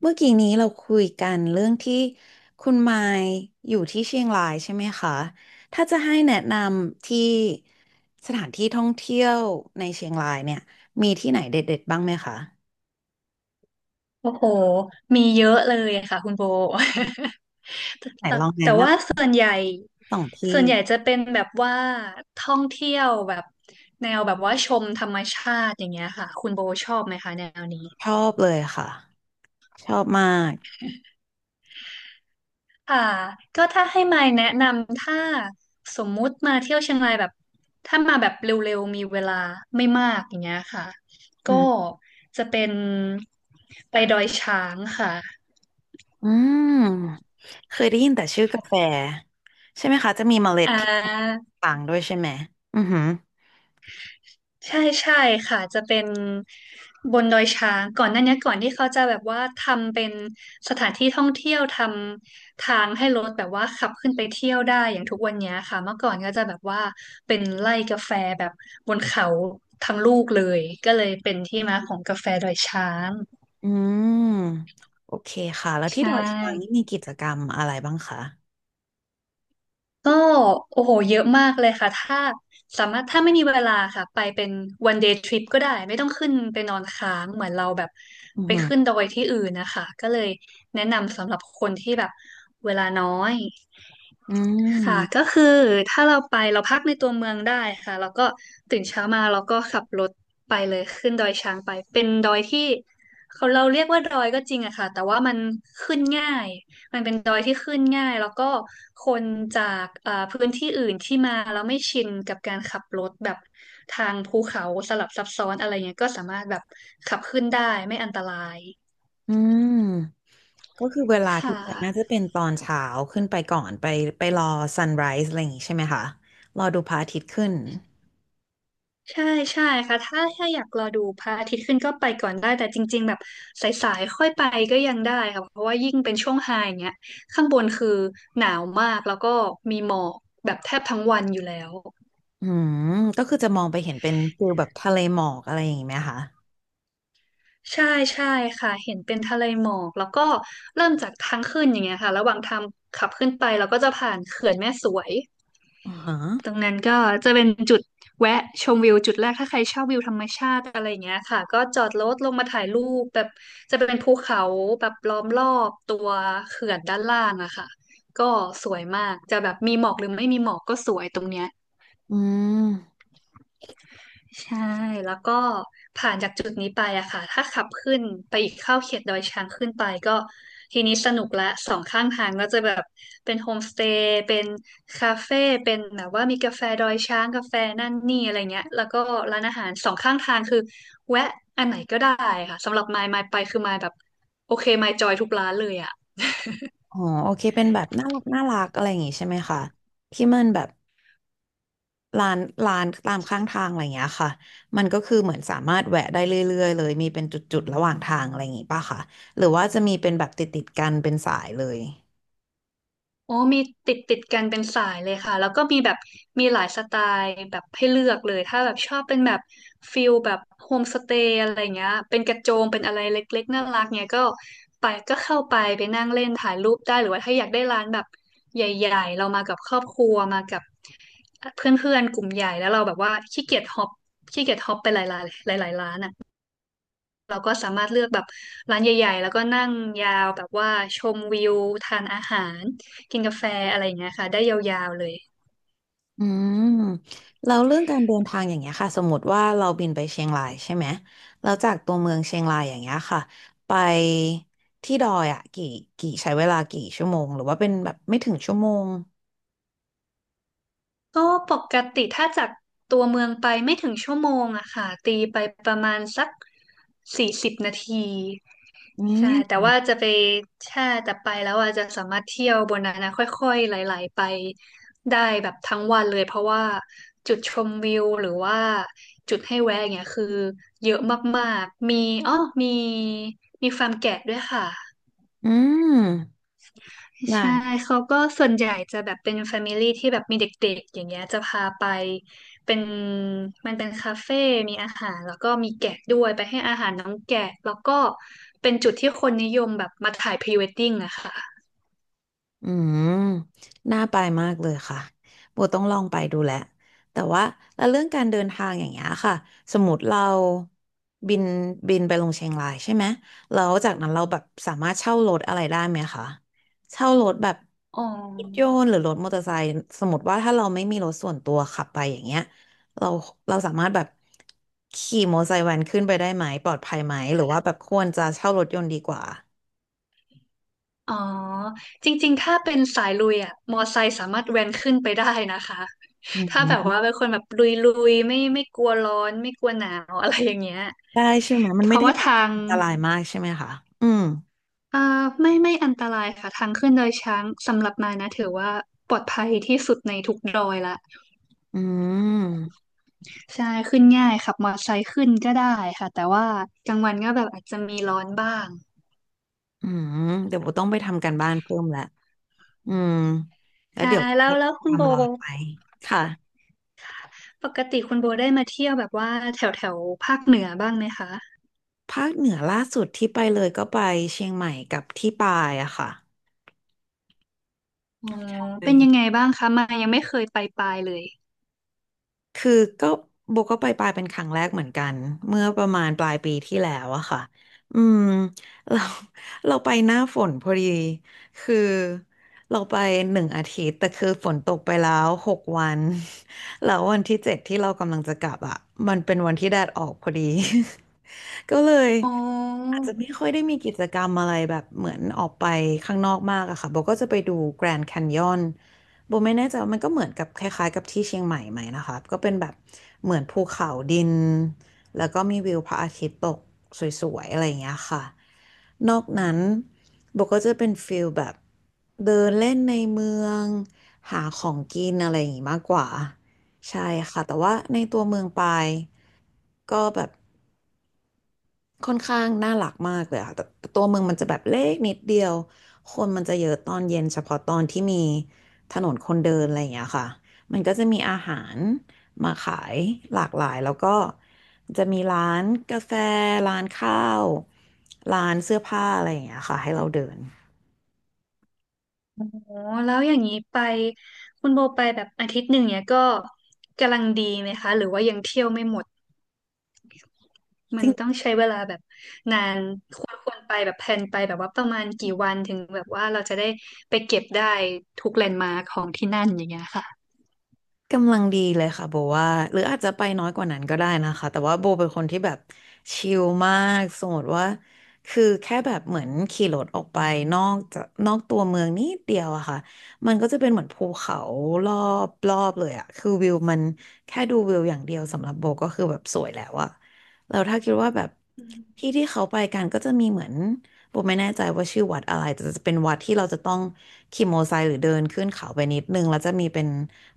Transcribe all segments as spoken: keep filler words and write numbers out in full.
เมื่อกี้นี้เราคุยกันเรื่องที่คุณมายอยู่ที่เชียงรายใช่ไหมคะถ้าจะให้แนะนำที่สถานที่ท่องเที่ยวในเชียงรายเนี่ยมีที่ไหนเด็ดๆบ้างไหมคะ โอ้โหมีเยอะเลยค่ะคุณโบ แต่ไหนแต่ลองแนะแต่นว่าส่วนใหญ่ำสองส่ที่วนใหญ่จะเป็นแบบว่าท่องเที่ยวแบบแนวแบบว่าชมธรรมชาติอย่างเงี้ยค่ะคุณโบชอบไหมคะแนวนี้ชอบเลยค่ะ ชอบมากค่ะก็ถ้าให้มายแนะนำถ้าสมมุติมาเที่ยวเชียงรายแบบถ้ามาแบบเร็วๆมีเวลาไม่มากอย่างเงี้ยค่ะอืก็มจะเป็นไปดอยช้างค่ะอืมเคยได้ยินแต่ชื่อกาแฟใช่ไหมคะ จะมีเมล็ดอ่ที่า ต่างด้วยใช่ไหมอือหือใช่ใช่ค่ะจะเป็นบนดอยช้างก่อนหน้านี้ก่อนที่เขาจะแบบว่าทำเป็นสถานที่ท่องเที่ยวทำทางให้รถแบบว่าขับขึ้นไปเที่ยวได้อย่างทุกวันเนี้ยค่ะเมื่อก่อนก็จะแบบว่าเป็นไร่กาแฟแบบบนเขาทั้งลูกเลยก็เลยเป็นที่มาของกาแฟดอยช้างอืมโอเคค่ะ แล้วที่ใช่ ดอยช้างนี่มีกิจกรรมอะไรบ้างคะ ก็โอ้โหเยอะมากเลยค่ะถ้าสามารถถ้าไม่มีเวลาค่ะไปเป็น one day trip ก็ได้ไม่ต้องขึ้นไปนอนค้างเหมือนเราแบบอือไปหือขึ้นดอยที่อื่นนะคะก็เลยแนะนำสำหรับคนที่แบบเวลาน้อย อืค่ะก็มคือถ้าเราไปเราพักในตัวเมืองได้ค่ะแล้วก็ตื่นเช้ามาเราก็ขับรถไปเลยขึ้นดอยช้างไปเป็นดอยที่เขาเราเรียกว่าดอยก็จริงอะค่ะแต่ว่ามันขึ้นง่ายมันเป็นดอยที่ขึ้นง่ายแล้วก็คนจากเอ่อพื้นที่อื่นที่มาแล้วไม่ชินกับการขับรถแบบทางภูเขาสลับซับซ้อนอะไรเงี้ยก็สามารถแบบขับขึ้นได้ไม่อันตรายอืมก็คือเวลาที่ค่ะ ไปน่าจะเป็นตอนเช้าขึ้นไปก่อนไปไปรอซันไรส์อะไรอย่างงี้ใช่ไหมคะ รอดูพระอาทิตย์ขึ้นใช่ใช่ค่ะถ้าถ้าอยากรอดูพระอาทิตย์ขึ้นก็ไปก่อนได้แต่จริงๆแบบสายๆค่อยไปก็ยังได้ค่ะเพราะว่ายิ่งเป็นช่วงไฮเนี้ยข้างบนคือหนาวมากแล้วก็มีหมอกแบบแทบทั้งวันอยู่แล้วอืมก็คือจะมองไปเห็นเป็นฟิลแบบทะเลหมอกอะไรอย่างงี้ไหมคะใช่ใช่ค่ะเห็นเป็นทะเลหมอกแล้วก็เริ่มจากทางขึ้นอย่างเงี้ยค่ะระหว่างทางขับขึ้นไปเราก็จะผ่านเขื่อนแม่สวย อ่อฮะตรงนั้นก็จะเป็นจุดแวะชมวิวจุดแรกถ้าใครชอบวิวธรรมชาติอะไรอย่างเงี้ยค่ะก็จอดรถลงมาถ่ายรูปแบบจะเป็นภูเขาแบบล้อมรอบตัวเขื่อนด้านล่างอะค่ะก็สวยมากจะแบบมีหมอกหรือไม่มีหมอกก็สวยตรงเนี้ย อืมใช่แล้วก็ผ่านจากจุดนี้ไปอะค่ะถ้าขับขึ้นไปอีกเข้าเขตดอยช้างขึ้นไปก็ทีนี้สนุกละสองข้างทางก็จะแบบเป็นโฮมสเตย์เป็นคาเฟ่เป็นแบบว่ามีกาแฟดอยช้างกาแฟนั่นนี่อะไรเงี้ยแล้วก็ร้านอาหารสองข้างทางคือแวะอันไหนก็ได้ค่ะสำหรับมายมายไปคือมายแบบโอเคมายจอยทุกร้านเลยอะ อ๋อโอเคเป็นแบบน่ารักน่ารักอะไรอย่างงี้ใช่ไหมคะที่มันแบบ ร้านร้านตามข้างทางอะไรอย่างเงี้ยค่ะมันก็คือเหมือนสามารถแวะได้เรื่อยๆเลยมีเป็นจุดๆระหว่างทางอะไรอย่างงี้ป่ะคะหรือว่าจะมีเป็นแบบติดๆกันเป็นสายเลยโอ้มีติดติดกันเป็นสายเลยค่ะแล้วก็มีแบบมีหลายสไตล์แบบให้เลือกเลยถ้าแบบชอบเป็นแบบฟิลแบบโฮมสเตย์อะไรเงี้ยเป็นกระโจมเป็นอะไรเล็กๆน่ารักเงี้ยก็ไปก็เข้าไปไปนั่งเล่นถ่ายรูปได้หรือว่าถ้าอยากได้ร้านแบบใหญ่ๆเรามากับครอบครัวมากับเพื่อนๆกลุ่มใหญ่แล้วเราแบบว่าขี้เกียจฮอปขี้เกียจฮอปไปหลายๆหลายๆร้านอ่ะ เราก็สามารถเลือกแบบร้านใหญ่ๆ แล้วก็นั่งยาวแบบว่าชมวิวทานอาหารกินกาแฟอะไรอย่างเงี้ยค่ะได้ยาวๆเลยอืมแล้วเรื่องการเดินทางอย่างเงี้ยค่ะสมมติว่าเราบินไปเชียงรายใช่ไหมแล้วจากตัวเมืองเชียงรายอย่างเงี้ยค่ะไปที่ดอยอ่ะกี่กี่ใช้เวลากี่ชั่วโมงหรือว่าเป็นแบบไม่ถึงชั่วโมงก็ปกติถ้าจากตัวเมืองไปไม่ถึงชั่วโมงอะค่ะตีไปประมาณสักสี่สิบนาที อืใช่แต่มว่าจะไปแช่แต่ไปแล้วอาจจะสามารถเที่ยวบนนั้นนะค่อยๆไหลๆไปได้แบบทั้งวันเลย เพราะว่าจุดชมวิวหรือว่าจุดให้แวะอย่างเงี้ยคือเยอะมากๆ มีอ๋อมีมีฟาร์มแกะด้วยค่ะ อืมได้ ใช่เขาก็ส่วนใหญ่จะแบบเป็นแฟมิลี่ที่แบบมีเด็กๆอย่างเงี้ยจะพาไปเป็นมันเป็นคาเฟ่มีอาหารแล้วก็มีแกะด้วยไปให้อาหารน้องแกะแล้วก็เป็นจุดที่คนนิยมแบบมาถ่ายพรีเวดดิ้งอะค่ะอืมน่าไปมากเลยค่ะโบต้องลองไปดูแหละแต่ว่าแล้วเรื่องการเดินทางอย่างเงี้ยค่ะสมมติเราบินบินไปลงเชียงรายใช่ไหมแล้วจากนั้นเราแบบสามารถเช่ารถอะไรได้ไหมคะเช่ารถแบบอ๋อรถยนต์หรือรถมอเตอร์ไซค์สมมติว่าถ้าเราไม่มีรถส่วนตัวขับไปอย่างเงี้ยเราเราสามารถแบบขี่มอเตอร์ไซค์แวนขึ้นไปได้ไหมปลอดภัยไหมหรือว่าแบบควรจะเช่ารถยนต์ดีกว่าอ๋อจริงๆถ้าเป็นสายลุยอะมอไซค์สามารถแว้นขึ้นไปได้นะคะอืถ้าแบบว่าม เป็นคนแบบลุยๆไม่ไม่กลัวร้อนไม่กลัวหนาวอะไรอย่างเงี้ยได้ใช่ไหมมัเพนไม่ราะได้ว่าแบบทาง อันตรายมากใช่ไหมคะอืมเอ่อไม่ไม่อันตรายค่ะทางขึ้นดอยช้างสำหรับมานะถือว่าปลอดภัยที่สุดในทุกดอยละอืมใช่ขึ้นง่ายขับมอเตอร์ไซค์ขึ้นก็ได้ค่ะแต่ว่ากลางวันก็แบบอาจจะมีร้อนบ้างอืมเดี๋ยวโบต้องไปทำการบ้านเพิ่มละอืมแล้วค่ะเดี๋ยวแล้วแล้วคุณโบทำรอไปค่ะปกติคุณโบได้มาเที่ยวแบบว่าแถวแถวภาคเหนือบ้างไหมคะภาคเหนือล่าสุดที่ไปเลยก็ไปเชียงใหม่กับที่ปายอะค่ะอ๋อไป เป็นยังไงบ้างคะมายยังไม่เคยไปปลายเลยคือก็โบก็ไปปลายเป็นครั้งแรกเหมือนกันเมื่อประมาณปลายปีที่แล้วอะค่ะอืมเรา เราไปหน้าฝนพอดีคือเราไปหนึ่งอาทิตย์แต่คือฝนตกไปแล้วหกวัน แล้ววันที่เจ็ดที่เรากำลังจะกลับอะมันเป็นวันที่แดดออกพอดี ก็เลยอ๋ออาจจะไม่ค่อยได้มีกิจกรรมอะไรแบบเหมือนออกไปข้างนอกมากอะค่ะโบก็จะไปดูแกรนด์แคนยอน โบไม่แน่ใจว่ามันก็เหมือนกับคล้ายๆกับที่เชียงใหม่ไหมนะคะก็เป็นแบบเหมือนภูเขาดินแล้วก็มีวิวพระอาทิตย์ตกสวยๆอะไรอย่างเงี้ยค่ะนอกนั้นโบก็จะเป็นฟิลแบบเดินเล่นในเมืองหาของกินอะไรอย่างงี้มากกว่าใช่ค่ะแต่ว่าในตัวเมืองปายก็แบบ ค่อนข้างน่ารักมากเลยค่ะแต่แต่ตัวเมืองมันจะแบบเล็กนิดเดียวคนมันจะเยอะตอนเย็นเฉพาะตอนที่มีถนนคนเดินอะไรอย่างเงี้ยค่ะมันก็จะมีอาหารมาขายหลากหลายแล้วก็จะมีร้านกาแฟร้านข้าวร้านเสื้อผ้าอะไรอย่างเงี้ยค่ะให้เราเดิน อ๋อแล้วอย่างนี้ไปคุณโบไปแบบอาทิตย์หนึ่งเนี่ยก็กำลังดีไหมคะหรือว่ายังเที่ยวไม่หมด มันต้องใช้เวลาแบบนานควรควรไปแบบแพลนไปแบบว่าประมาณกี่วันถึงแบบว่าเราจะได้ไปเก็บได้ทุกแลนด์มาร์คของที่นั่นอย่างเงี้ยค่ะกำลังดีเลยค่ะโบว่าหรืออาจจะไปน้อยกว่านั้นก็ได้นะคะแต่ว่าโบเป็นคนที่แบบชิลมากสมมติว่าคือแค่แบบเหมือนขี่รถออกไปนอกจากนอกตัวเมืองนิดเดียวอะค่ะมันก็จะเป็นเหมือนภูเขารอบรอบเลยอะคือวิวมันแค่ดูวิวอย่างเดียวสำหรับโบก็คือแบบสวยแล้วอะแล้วถ้าคิดว่าแบบอืมที่ที่เขาไปกันก็จะมีเหมือน โบไม่แน่ใจว่าชื่อวัดอะไรแต่จะเป็นวัดที่เราจะต้องขี่มอเตอร์ไซค์หรือเดินขึ้นเขาไปนิดนึงแล้วจะมีเป็น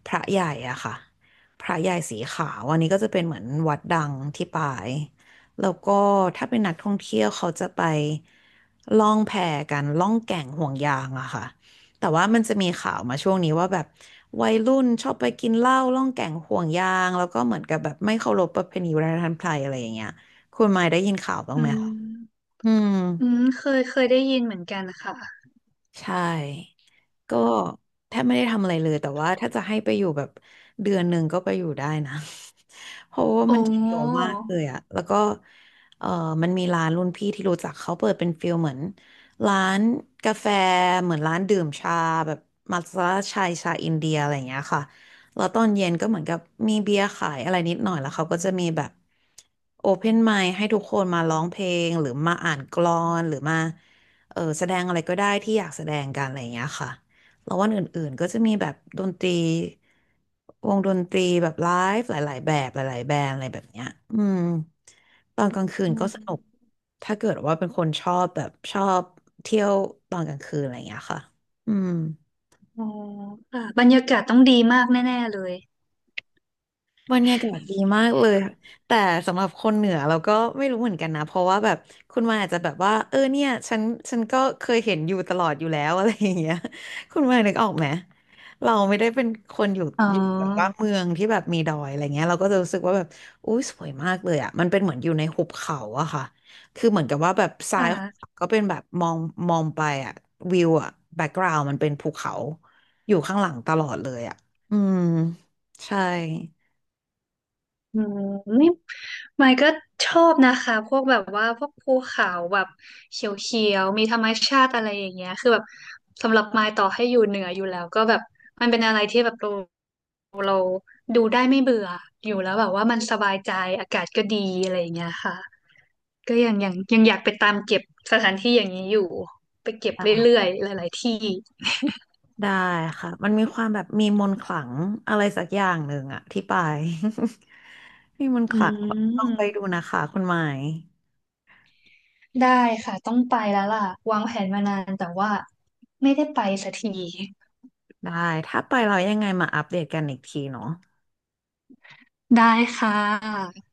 พระใหญ่อะค่ะพระใหญ่สีขาวอันนี้ก็จะเป็นเหมือนวัดดังที่ปายแล้วก็ถ้าเป็นนักท่องเที่ยวเขาจะไปล่องแพกันล่องแก่งห่วงยางอะค่ะแต่ว่ามันจะมีข่าวมาช่วงนี้ว่าแบบวัยรุ่นชอบไปกินเหล้าล่องแก่งห่วงยางแล้วก็เหมือนกับแบบไม่เคารพประเพณีวัฒนธรรมไทยอะไรอย่างเงี้ยคุณมายได้ยินข่าวบ้างอืไหมคะมอืม อืมเคยเคยได้ยินเหมือนกันนะคะใช่ ก็แทบไม่ได้ทำอะไรเลย แต่ว่าถ้าจะให้ไปอยู่แบบเดือนหนึ่งก็ไปอยู่ได้นะ เพราะว่าโอ้มันจะเยอะมากเลยอะแล้วก็เออมันมีร้านรุ่นพี่ที่รู้จักเขาเปิดเป็นฟิลเหมือนร้านกาแฟเหมือนร้านดื่มชาแบบมัทฉะชายชาอินเดียอะไรอย่างเงี้ยค่ะแล้วตอนเย็นก็เหมือนกับมีเบียร์ขายอะไรนิดหน่อยแล้วเขาก็จะมีแบบโอเพนไมค์ให้ทุกคนมาร้องเพลงหรือมาอ่านกลอนหรือมาเออแสดงอะไรก็ได้ที่อยากแสดงกันอะไรอย่างเงี้ยค่ะ แล้ววันอื่นๆก็จะมีแบบดนตรีวงดนตรีแบบไลฟ์หลายๆแบบหลายๆแบรนด์อะไรแบบเนี้ยอืมตอนกลางคืนอืก็มสนุกถ้าเกิดว่าเป็นคนชอบแบบชอบเที่ยวตอนกลางคืนอะไรอย่างเงี้ยค่ะอืม อ๋อค่ะบรรยากาศต้องดีมากแน่ๆเลยบรรยากาศดีมากเลย แต่สำหรับคนเหนือเราก็ไม่รู้เหมือนกันนะ เพราะว่าแบบคุณมาอาจจะแบบว่าเออเนี่ยฉันฉันก็เคยเห็นอยู่ตลอดอยู่แล้ว อะไรอย่างเงี้ยคุณมานึกออกไหมเราไม่ได้เป็นคนอยู่อ๋อยู่แบบว่าอเมืองที่แบบมีดอยอะไรเงี้ยเราก็จะรู้สึกว่าแบบอุ้ยสวยมากเลยอ่ะมันเป็นเหมือนอยู่ในหุบเขาอะค่ะคือเหมือนกับว่าแบบซ้ายค่ะ ของเขาก็เป็นแบบมองมองไปอะวิวอะแบ็กกราวด์มันเป็นภูเขาอยู่ข้างหลังตลอดเลยอะอืมใช่ อืมนี่ไมค์ก็ชอบนะคะพวกแบบว่าพวกภูเขาแบบเขียวๆมีธรรมชาติอะไรอย่างเงี้ยคือแบบสำหรับไมค์ต่อให้อยู่เหนืออยู่แล้วก็แบบมันเป็นอะไรที่แบบเราเราดูได้ไม่เบื่ออยู่แล้วแบบว่ามันสบายใจอากาศก็ดีอะไรอย่างเงี้ยค่ะก็ยังยังยังอยากไปตามเก็บสถานที่อย่างนี้อยู่ไปเก็บเรื่อยๆหลายๆที่ได้ค่ะมันมีความแบบมีมนต์ขลังอะไรสักอย่างหนึ่งอะที่ไป มีมนต์อืขลังลองไปมดูนะคะคุณหมายได้ค่ะต้องไปแล้วล่ะวางแผนมานานแต่ว่าไม่ได้ไปสักที ได้ถ้าไปเรายังไงมาอัปเดตกันอีกทีเนาะได้ค่ะ